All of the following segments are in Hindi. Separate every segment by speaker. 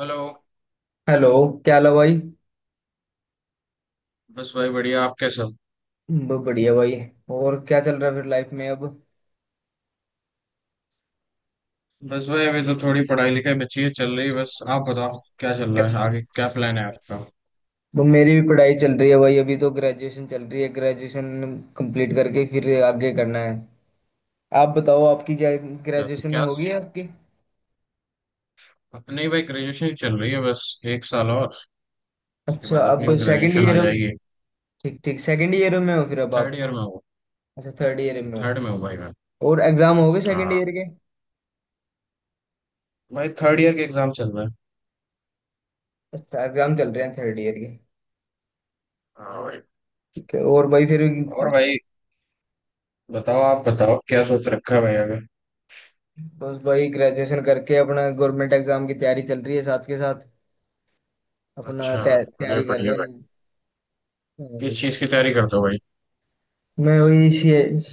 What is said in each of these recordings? Speaker 1: हेलो।
Speaker 2: हेलो। क्या हाल है भाई।
Speaker 1: बस भाई बढ़िया, आप कैसे हो?
Speaker 2: बढ़िया भाई। और क्या चल रहा है फिर लाइफ में अब।
Speaker 1: बस भाई अभी तो थोड़ी पढ़ाई लिखाई बची है, चल रही है। बस आप बताओ, क्या चल रहा है, आगे क्या प्लान है आपका?
Speaker 2: मेरी भी पढ़ाई चल रही है भाई। अभी तो ग्रेजुएशन चल रही है। ग्रेजुएशन कंप्लीट करके फिर आगे करना है। आप बताओ आपकी क्या
Speaker 1: क्या, तो
Speaker 2: ग्रेजुएशन में
Speaker 1: क्या?
Speaker 2: होगी आपकी।
Speaker 1: अपनी भाई ग्रेजुएशन चल रही है बस। एक साल और, उसके
Speaker 2: अच्छा,
Speaker 1: बाद अपनी
Speaker 2: अब
Speaker 1: भी
Speaker 2: सेकंड
Speaker 1: ग्रेजुएशन हो
Speaker 2: ईयर।
Speaker 1: जाएगी।
Speaker 2: ठीक ठीक, सेकंड ईयर में हो फिर अब
Speaker 1: थर्ड
Speaker 2: आप।
Speaker 1: ईयर में हूँ।
Speaker 2: अच्छा, थर्ड ईयर में हो।
Speaker 1: थर्ड में हूँ भाई मैं।
Speaker 2: और एग्जाम हो गए सेकंड
Speaker 1: हाँ
Speaker 2: ईयर के?
Speaker 1: भाई, थर्ड ईयर के एग्जाम चल रहे हैं।
Speaker 2: अच्छा, एग्जाम चल रहे हैं थर्ड ईयर के।
Speaker 1: हाँ भाई।
Speaker 2: ठीक है। और भाई फिर?
Speaker 1: और भाई बताओ, आप बताओ क्या सोच रखा है भाई आगे?
Speaker 2: बस भाई, ग्रेजुएशन करके अपना गवर्नमेंट एग्जाम की तैयारी चल रही है साथ के साथ। अपना
Speaker 1: अच्छा। अरे
Speaker 2: तैयारी कर
Speaker 1: बढ़िया
Speaker 2: रहे हैं।
Speaker 1: भाई।
Speaker 2: हाँ
Speaker 1: किस
Speaker 2: भाई।
Speaker 1: चीज की तैयारी करते हो भाई?
Speaker 2: मैं वही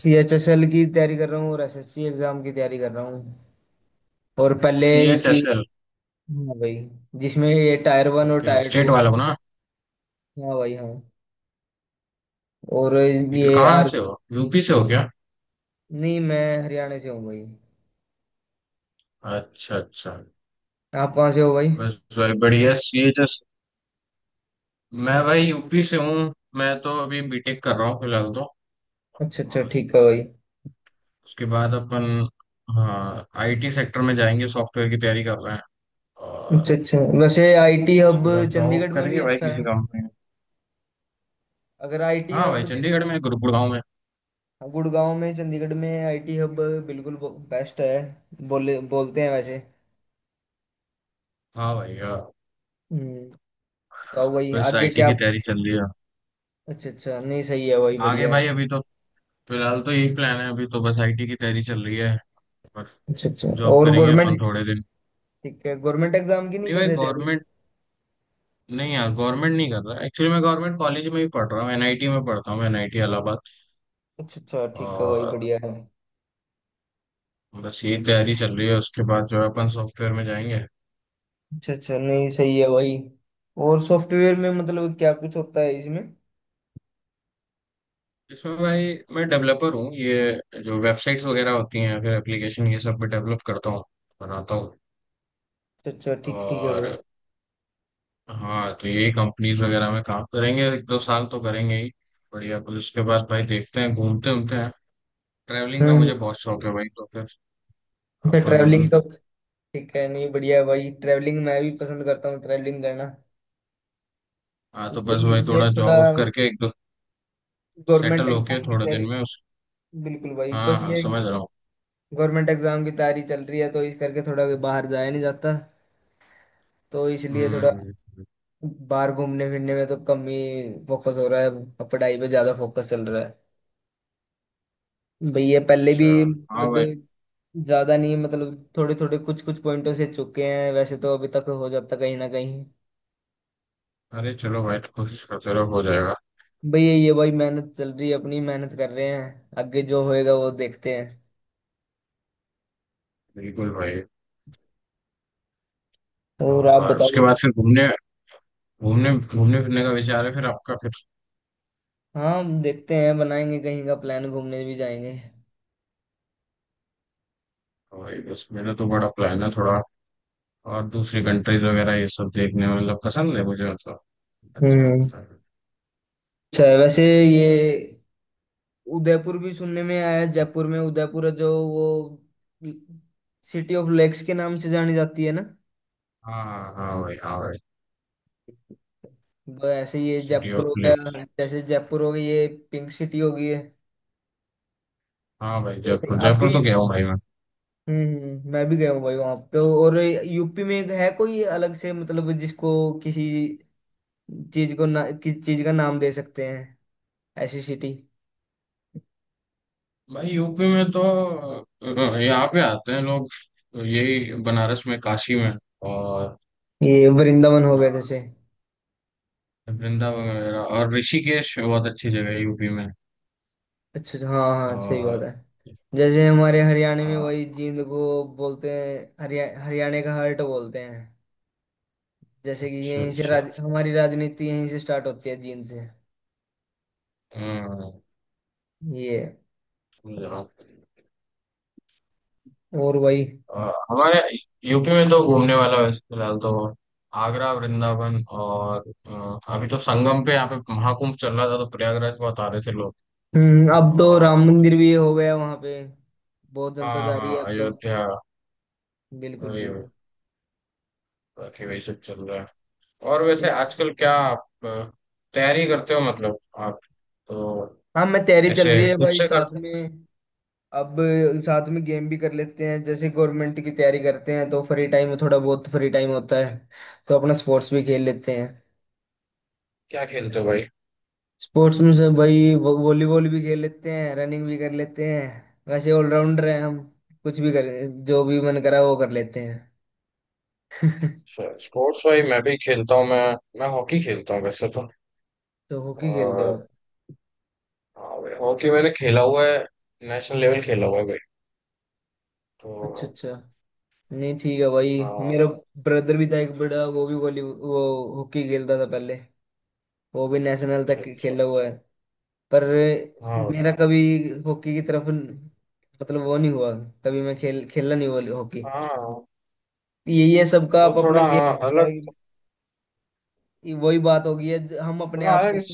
Speaker 2: CHSL की तैयारी कर रहा हूँ, और SSC एग्जाम की तैयारी कर रहा हूँ। और पहले
Speaker 1: सी एच
Speaker 2: की।
Speaker 1: S L.
Speaker 2: हाँ भाई। जिसमें ये टायर 1 और
Speaker 1: ओके,
Speaker 2: टायर 2
Speaker 1: स्टेट वाले
Speaker 2: आते
Speaker 1: हो
Speaker 2: हैं।
Speaker 1: ना?
Speaker 2: हाँ भाई, हाँ। और ये
Speaker 1: कहाँ
Speaker 2: आर।
Speaker 1: से हो, यूपी से हो क्या?
Speaker 2: नहीं, मैं हरियाणा से हूँ भाई।
Speaker 1: अच्छा अच्छा।
Speaker 2: आप कहाँ से हो भाई?
Speaker 1: बस भाई बढ़िया सी जस। मैं भाई यूपी से हूँ, मैं तो अभी बीटेक कर रहा हूँ फिलहाल तो।
Speaker 2: अच्छा अच्छा, ठीक है भाई।
Speaker 1: उसके बाद अपन, हाँ, आईटी सेक्टर में जाएंगे, सॉफ्टवेयर की तैयारी कर रहे हैं।
Speaker 2: अच्छा
Speaker 1: और
Speaker 2: अच्छा, वैसे आईटी हब
Speaker 1: उसके बाद जॉब
Speaker 2: चंडीगढ़ में भी
Speaker 1: करेंगे भाई
Speaker 2: अच्छा
Speaker 1: किसी
Speaker 2: है,
Speaker 1: कंपनी में।
Speaker 2: अगर आईटी
Speaker 1: हाँ भाई,
Speaker 2: हब
Speaker 1: चंडीगढ़
Speaker 2: देखना है।
Speaker 1: में, गुरुगुड़गांव में।
Speaker 2: हाँ, गुड़गांव में, चंडीगढ़ में आईटी हब बिल्कुल बेस्ट है, बोले बोलते हैं वैसे।
Speaker 1: हाँ भाई हाँ।
Speaker 2: हम्म तो अब वही,
Speaker 1: बस
Speaker 2: आगे
Speaker 1: आईटी
Speaker 2: क्या?
Speaker 1: की तैयारी चल रही है।
Speaker 2: अच्छा अच्छा, नहीं सही है, वही
Speaker 1: आगे
Speaker 2: बढ़िया है।
Speaker 1: भाई अभी तो फिलहाल तो यही प्लान है, अभी तो बस आईटी की तैयारी चल रही है। पर
Speaker 2: अच्छा अच्छा।
Speaker 1: जॉब
Speaker 2: और
Speaker 1: करेंगे अपन
Speaker 2: गवर्नमेंट,
Speaker 1: थोड़े दिन।
Speaker 2: ठीक है, गवर्नमेंट एग्जाम की नहीं
Speaker 1: नहीं
Speaker 2: कर
Speaker 1: भाई
Speaker 2: रहे थे अभी।
Speaker 1: गवर्नमेंट, नहीं यार गवर्नमेंट नहीं कर रहा, एक्चुअली मैं गवर्नमेंट कॉलेज में ही पढ़ रहा हूँ, एनआईटी में पढ़ता हूँ, एनआईटी इलाहाबाद।
Speaker 2: अच्छा अच्छा, ठीक है, वही
Speaker 1: और
Speaker 2: बढ़िया है।
Speaker 1: बस यही तैयारी चल रही है, उसके बाद जो है अपन सॉफ्टवेयर में जाएंगे।
Speaker 2: अच्छा अच्छा, नहीं सही है वही। और सॉफ्टवेयर में मतलब क्या कुछ होता है इसमें?
Speaker 1: इसमें भाई मैं डेवलपर हूँ, ये जो वेबसाइट्स वगैरह होती हैं फिर एप्लीकेशन, ये सब भी डेवलप करता हूँ, बनाता हूँ।
Speaker 2: अच्छा अच्छा, ठीक ठीक है
Speaker 1: और
Speaker 2: वो।
Speaker 1: हाँ, तो यही कंपनीज वगैरह में काम करेंगे, 1 2 साल तो करेंगे ही। बढ़िया, फिर उसके बाद भाई देखते हैं, घूमते घूमते हैं। ट्रैवलिंग का
Speaker 2: हम्म हम्म।
Speaker 1: मुझे बहुत शौक है भाई, तो फिर
Speaker 2: अच्छा,
Speaker 1: अपन।
Speaker 2: ट्रैवलिंग का। ठीक है, नहीं बढ़िया है भाई, ट्रैवलिंग मैं भी पसंद करता हूँ, ट्रैवलिंग करना।
Speaker 1: हाँ, तो
Speaker 2: और
Speaker 1: बस
Speaker 2: ये
Speaker 1: भाई
Speaker 2: ये
Speaker 1: थोड़ा
Speaker 2: थोड़ा
Speaker 1: जॉब करके, एक दो,
Speaker 2: गवर्नमेंट
Speaker 1: सेटल होके
Speaker 2: एग्जाम की
Speaker 1: थोड़े
Speaker 2: तैयारी।
Speaker 1: दिन में उस।
Speaker 2: बिल्कुल भाई।
Speaker 1: हाँ
Speaker 2: बस
Speaker 1: हाँ,
Speaker 2: ये
Speaker 1: समझ रहा हूँ।
Speaker 2: गवर्नमेंट एग्जाम की तैयारी चल रही है तो इस करके थोड़ा बाहर जाया नहीं जाता। तो इसलिए
Speaker 1: हम्म
Speaker 2: थोड़ा
Speaker 1: हम्म, हम्म।
Speaker 2: बाहर घूमने फिरने में तो कम ही फोकस हो रहा है, अब पढ़ाई पे ज्यादा फोकस चल रहा है भैया। पहले भी
Speaker 1: अच्छा। हाँ
Speaker 2: मतलब
Speaker 1: भाई।
Speaker 2: ज्यादा नहीं, मतलब थोड़े थोड़े कुछ कुछ पॉइंटों से चुके हैं वैसे, तो अभी तक हो जाता कहीं ना कहीं।
Speaker 1: अरे चलो भाई, तो कोशिश करते रहो, हो जाएगा।
Speaker 2: भैया ये भाई मेहनत चल रही है, अपनी मेहनत कर रहे हैं, आगे जो होएगा वो देखते हैं।
Speaker 1: बिल्कुल भाई।
Speaker 2: और आप
Speaker 1: और उसके
Speaker 2: बताओ।
Speaker 1: बाद फिर घूमने घूमने घूमने फिरने का विचार है फिर आपका फिर।
Speaker 2: हाँ, देखते हैं, बनाएंगे कहीं का प्लान, घूमने भी जाएंगे।
Speaker 1: हाँ भाई, बस मेरा तो बड़ा प्लान है थोड़ा। और दूसरी कंट्रीज वगैरह ये सब देखने में मतलब पसंद है मुझे, मतलब अच्छा
Speaker 2: हम्म।
Speaker 1: लगता है।
Speaker 2: अच्छा है। वैसे ये उदयपुर भी सुनने में आया, जयपुर में उदयपुर है जो वो सिटी ऑफ लेक्स के नाम से जानी जाती है ना।
Speaker 1: हाँ हाँ हाँ भाई, हाँ भाई।
Speaker 2: वो ऐसे ये
Speaker 1: सिटी
Speaker 2: जयपुर हो
Speaker 1: ऑफ लेक्स।
Speaker 2: गया, जैसे जयपुर हो गई, ये पिंक सिटी हो गई है।
Speaker 1: हाँ भाई,
Speaker 2: और
Speaker 1: जयपुर
Speaker 2: आपके
Speaker 1: जयपुर तो गया हूँ भाई मैं।
Speaker 2: मैं भी गया हूँ भाई वहां पे। और यूपी में एक है कोई अलग से, मतलब जिसको किसी चीज को ना किसी चीज का नाम दे सकते हैं ऐसी सिटी।
Speaker 1: भाई यूपी में तो यहाँ पे आते हैं लोग, तो यही बनारस में, काशी में। और
Speaker 2: ये वृंदावन हो गया
Speaker 1: अपना
Speaker 2: जैसे।
Speaker 1: वृंदावन वगैरह, और ऋषिकेश बहुत अच्छी जगह है यूपी में।
Speaker 2: अच्छा अच्छा, हाँ हाँ, सही बात
Speaker 1: और
Speaker 2: है। जैसे हमारे हरियाणा में
Speaker 1: हाँ,
Speaker 2: वही जींद को बोलते हैं, हरियाणा का हार्ट बोलते हैं। जैसे कि
Speaker 1: अच्छा
Speaker 2: यहीं से
Speaker 1: अच्छा।
Speaker 2: हमारी राजनीति यहीं से स्टार्ट होती है, जींद से।
Speaker 1: हम्म,
Speaker 2: ये
Speaker 1: समझा।
Speaker 2: और वही।
Speaker 1: और हमारे यूपी में तो घूमने वाला वैसे फिलहाल तो आगरा, वृंदावन और अभी तो संगम पे यहाँ पे महाकुंभ चल रहा था, तो प्रयागराज बहुत आ रहे थे लोग।
Speaker 2: हम्म। अब तो
Speaker 1: और
Speaker 2: राम मंदिर भी हो गया वहां पे, बहुत जनता
Speaker 1: हाँ
Speaker 2: जा रही
Speaker 1: हाँ,
Speaker 2: है अब तो।
Speaker 1: अयोध्या।
Speaker 2: बिल्कुल
Speaker 1: वही वही,
Speaker 2: बिल्कुल।
Speaker 1: बाकी वही सब चल रहा है। और वैसे
Speaker 2: इस,
Speaker 1: आजकल क्या आप तैयारी करते हो, मतलब आप तो
Speaker 2: हाँ मैं तैयारी चल रही
Speaker 1: ऐसे
Speaker 2: है
Speaker 1: खुद
Speaker 2: भाई
Speaker 1: से कर?
Speaker 2: साथ में। अब साथ में गेम भी कर लेते हैं, जैसे गवर्नमेंट की तैयारी करते हैं तो फ्री टाइम, थोड़ा बहुत फ्री टाइम होता है, तो अपना स्पोर्ट्स भी खेल लेते हैं।
Speaker 1: क्या खेलते हो भाई?
Speaker 2: स्पोर्ट्स में से भाई वॉलीबॉल भी खेल लेते हैं, रनिंग भी कर लेते हैं। वैसे ऑलराउंडर हैं हम, कुछ भी कर, जो भी मन करा वो कर लेते हैं।
Speaker 1: स्पोर्ट्स भाई, मैं भी खेलता हूँ, मैं हॉकी खेलता हूँ वैसे तो।
Speaker 2: तो हॉकी खेलते हो
Speaker 1: और
Speaker 2: आप?
Speaker 1: हाँ भाई, हॉकी मैंने खेला हुआ है, नेशनल लेवल खेला हुआ है भाई, तो।
Speaker 2: अच्छा अच्छा। नहीं ठीक है भाई,
Speaker 1: हाँ।
Speaker 2: मेरा ब्रदर भी था एक बड़ा, वो भी वॉली वो हॉकी खेलता था पहले, वो भी नेशनल
Speaker 1: अच्छा
Speaker 2: तक
Speaker 1: अच्छा।
Speaker 2: खेला हुआ है। पर
Speaker 1: हाँ
Speaker 2: मेरा कभी हॉकी की तरफ मतलब वो नहीं हुआ, कभी मैं खेल खेला नहीं वो हॉकी।
Speaker 1: हाँ।
Speaker 2: यही है सबका
Speaker 1: वो
Speaker 2: आप अपना
Speaker 1: थोड़ा
Speaker 2: गेम।
Speaker 1: अलग,
Speaker 2: वही बात होगी है, हम अपने
Speaker 1: थोड़ा
Speaker 2: आप
Speaker 1: अलग
Speaker 2: को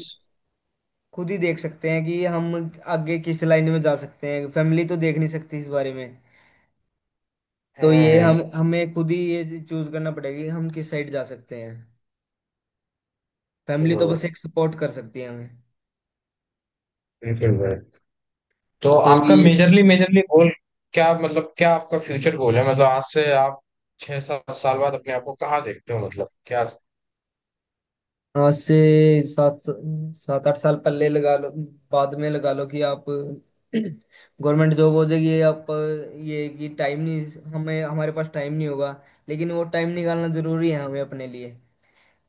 Speaker 2: खुद ही देख सकते हैं कि हम आगे किस लाइन में जा सकते हैं, फैमिली तो देख नहीं सकती इस बारे में। तो ये
Speaker 1: हम्म।
Speaker 2: हम हमें खुद ही ये चूज करना पड़ेगा कि हम किस साइड जा सकते हैं। फैमिली तो
Speaker 1: बिल्कुल
Speaker 2: बस
Speaker 1: भाई।
Speaker 2: एक सपोर्ट कर सकती है हमें।
Speaker 1: बिल्कुल भाई। तो
Speaker 2: तो
Speaker 1: आपका
Speaker 2: ये
Speaker 1: मेजरली मेजरली गोल क्या, मतलब क्या आपका फ्यूचर गोल है, मतलब आज से आप 6 7 साल बाद अपने आप को कहाँ देखते हो मतलब क्या?
Speaker 2: आज से सात सात आठ साल पहले लगा लो, बाद में लगा लो कि आप गवर्नमेंट जॉब हो जाएगी ये आप, ये कि टाइम नहीं, हमें हमारे पास टाइम नहीं होगा, लेकिन वो टाइम निकालना जरूरी है हमें अपने लिए।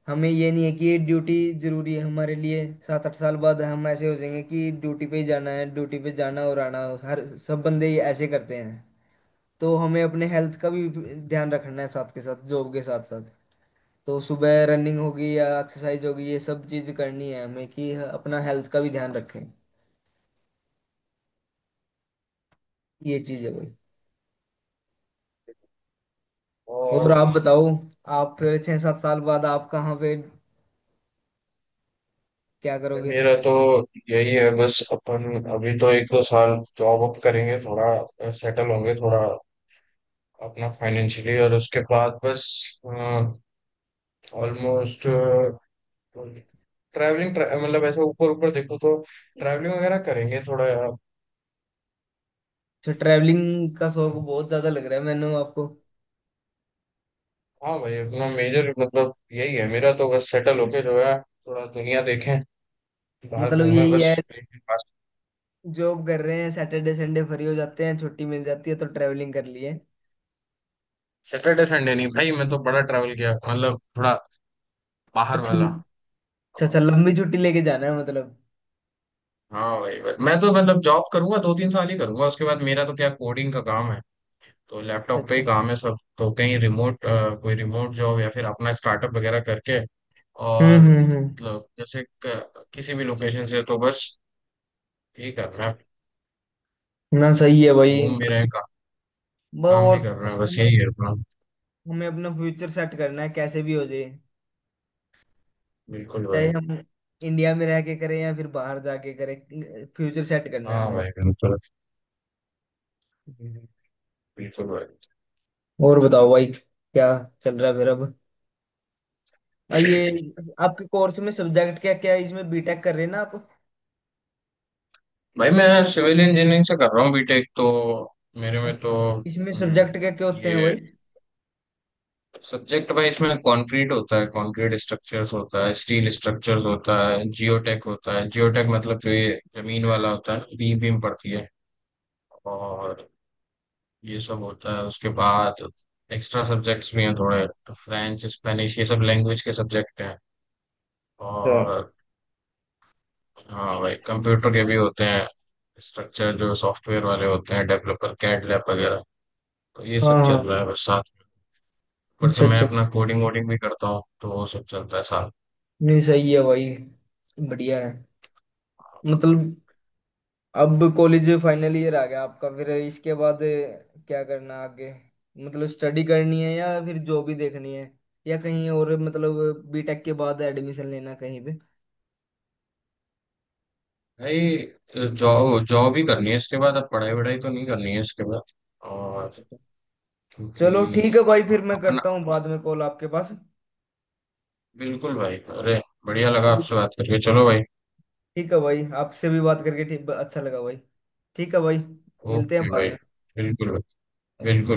Speaker 2: हमें ये नहीं है कि ये ड्यूटी जरूरी है हमारे लिए, 7-8 साल बाद हम ऐसे हो जाएंगे कि ड्यूटी पे ही जाना है, ड्यूटी पे जाना और आना, हर सब बंदे ये ऐसे करते हैं। तो हमें अपने हेल्थ का भी ध्यान रखना है साथ के साथ, जॉब के साथ साथ। तो सुबह रनिंग होगी या एक्सरसाइज होगी, ये सब चीज करनी है हमें कि अपना हेल्थ का भी ध्यान रखें। ये चीज है भाई। और
Speaker 1: और
Speaker 2: आप बताओ, आप फिर 6-7 साल बाद आप कहाँ पे क्या करोगे?
Speaker 1: मेरा तो यही है, बस अपन अभी तो 1 2 साल जॉब अप करेंगे, थोड़ा सेटल होंगे थोड़ा अपना फाइनेंशियली, और उसके बाद बस ऑलमोस्ट ट्रैवलिंग, मतलब ऐसे ऊपर ऊपर देखो तो ट्रैवलिंग वगैरह करेंगे थोड़ा।
Speaker 2: अच्छा, ट्रैवलिंग का शौक बहुत ज्यादा लग रहा है मैंने आपको।
Speaker 1: हाँ भाई, अपना मेजर मतलब यही है मेरा तो, बस सेटल होके जो है थोड़ा दुनिया देखें, बाहर
Speaker 2: मतलब
Speaker 1: घूमें,
Speaker 2: यही
Speaker 1: बस।
Speaker 2: है, जॉब कर रहे हैं, सैटरडे संडे फ्री हो जाते हैं, छुट्टी मिल जाती है तो ट्रेवलिंग कर लिए।
Speaker 1: सैटरडे संडे नहीं भाई, मैं तो बड़ा ट्रैवल किया, मतलब थोड़ा बाहर
Speaker 2: अच्छा।
Speaker 1: वाला।
Speaker 2: अच्छा अच्छा, लंबी छुट्टी लेके जाना है मतलब।
Speaker 1: हाँ भाई भाई। मैं तो मतलब जॉब करूंगा, 2 3 साल ही करूंगा, उसके बाद मेरा तो क्या कोडिंग का काम है, तो
Speaker 2: अच्छा
Speaker 1: लैपटॉप पे
Speaker 2: अच्छा।
Speaker 1: ही काम है सब, तो कहीं रिमोट कोई रिमोट जॉब या फिर अपना स्टार्टअप वगैरह करके। और
Speaker 2: हम्म।
Speaker 1: मतलब जैसे किसी भी लोकेशन से, तो बस यही कर रहे हैं।
Speaker 2: ना सही है भाई,
Speaker 1: घूम भी रहे
Speaker 2: बस।
Speaker 1: हैं काम भी
Speaker 2: और,
Speaker 1: कर रहे हैं, बस
Speaker 2: हमें
Speaker 1: यही है
Speaker 2: अपना,
Speaker 1: अपना।
Speaker 2: फ्यूचर सेट करना है, कैसे भी हो जाए,
Speaker 1: बिल्कुल
Speaker 2: चाहे
Speaker 1: भाई।
Speaker 2: हम इंडिया में रह के करें या फिर बाहर जाके करें, फ्यूचर सेट करना है
Speaker 1: हाँ
Speaker 2: हमें।
Speaker 1: भाई बिल्कुल।
Speaker 2: हम्म।
Speaker 1: बिल्कुल भाई।
Speaker 2: और बताओ भाई, क्या चल रहा है फिर अब। ये आपके कोर्स में सब्जेक्ट क्या क्या है इसमें, बीटेक कर रहे हैं ना आप?
Speaker 1: भाई मैं सिविल इंजीनियरिंग से कर रहा हूँ बीटेक तो, मेरे में तो।
Speaker 2: इसमें
Speaker 1: हम्म,
Speaker 2: सब्जेक्ट क्या क्या होते हैं
Speaker 1: ये
Speaker 2: भाई?
Speaker 1: सब्जेक्ट भाई, इसमें कंक्रीट होता है, कंक्रीट स्ट्रक्चर्स होता है, स्टील स्ट्रक्चर्स होता है, जियोटेक होता है। जियोटेक मतलब जो ये जमीन वाला होता है ना, बीम बीम पड़ती है। और ये सब होता है। उसके बाद एक्स्ट्रा सब्जेक्ट्स भी हैं थोड़े, फ्रेंच स्पेनिश ये सब लैंग्वेज के सब्जेक्ट हैं।
Speaker 2: अच्छा।
Speaker 1: और हाँ भाई, कंप्यूटर के भी होते हैं, स्ट्रक्चर जो सॉफ्टवेयर वाले होते हैं, डेवलपर कैड लैब वगैरह। तो ये
Speaker 2: हाँ
Speaker 1: सब चल
Speaker 2: हाँ।
Speaker 1: रहा है बस साथ में। ऊपर से
Speaker 2: अच्छा
Speaker 1: मैं
Speaker 2: अच्छा,
Speaker 1: अपना कोडिंग वोडिंग भी करता हूँ, तो वो सब चलता है साथ।
Speaker 2: नहीं सही है भाई, बढ़िया है मतलब। अब कॉलेज फाइनल ईयर आ गया आपका, फिर इसके बाद क्या करना आगे? मतलब स्टडी करनी है या फिर जॉब ही देखनी है, या कहीं और मतलब बीटेक के बाद एडमिशन लेना कहीं पे?
Speaker 1: भाई जॉब जॉब ही करनी है इसके बाद, अब पढ़ाई वढ़ाई तो नहीं करनी है इसके बाद। और क्योंकि
Speaker 2: चलो ठीक है भाई, फिर मैं
Speaker 1: अपना।
Speaker 2: करता हूँ बाद में कॉल आपके पास
Speaker 1: बिल्कुल भाई, अरे बढ़िया लगा
Speaker 2: अभी।
Speaker 1: आपसे बात करके, चलो भाई।
Speaker 2: ठीक है भाई, आपसे भी बात करके ठीक अच्छा लगा भाई। ठीक है भाई, मिलते हैं
Speaker 1: ओके
Speaker 2: बाद
Speaker 1: भाई। बिल्कुल भाई।
Speaker 2: में।
Speaker 1: बिल्कुल।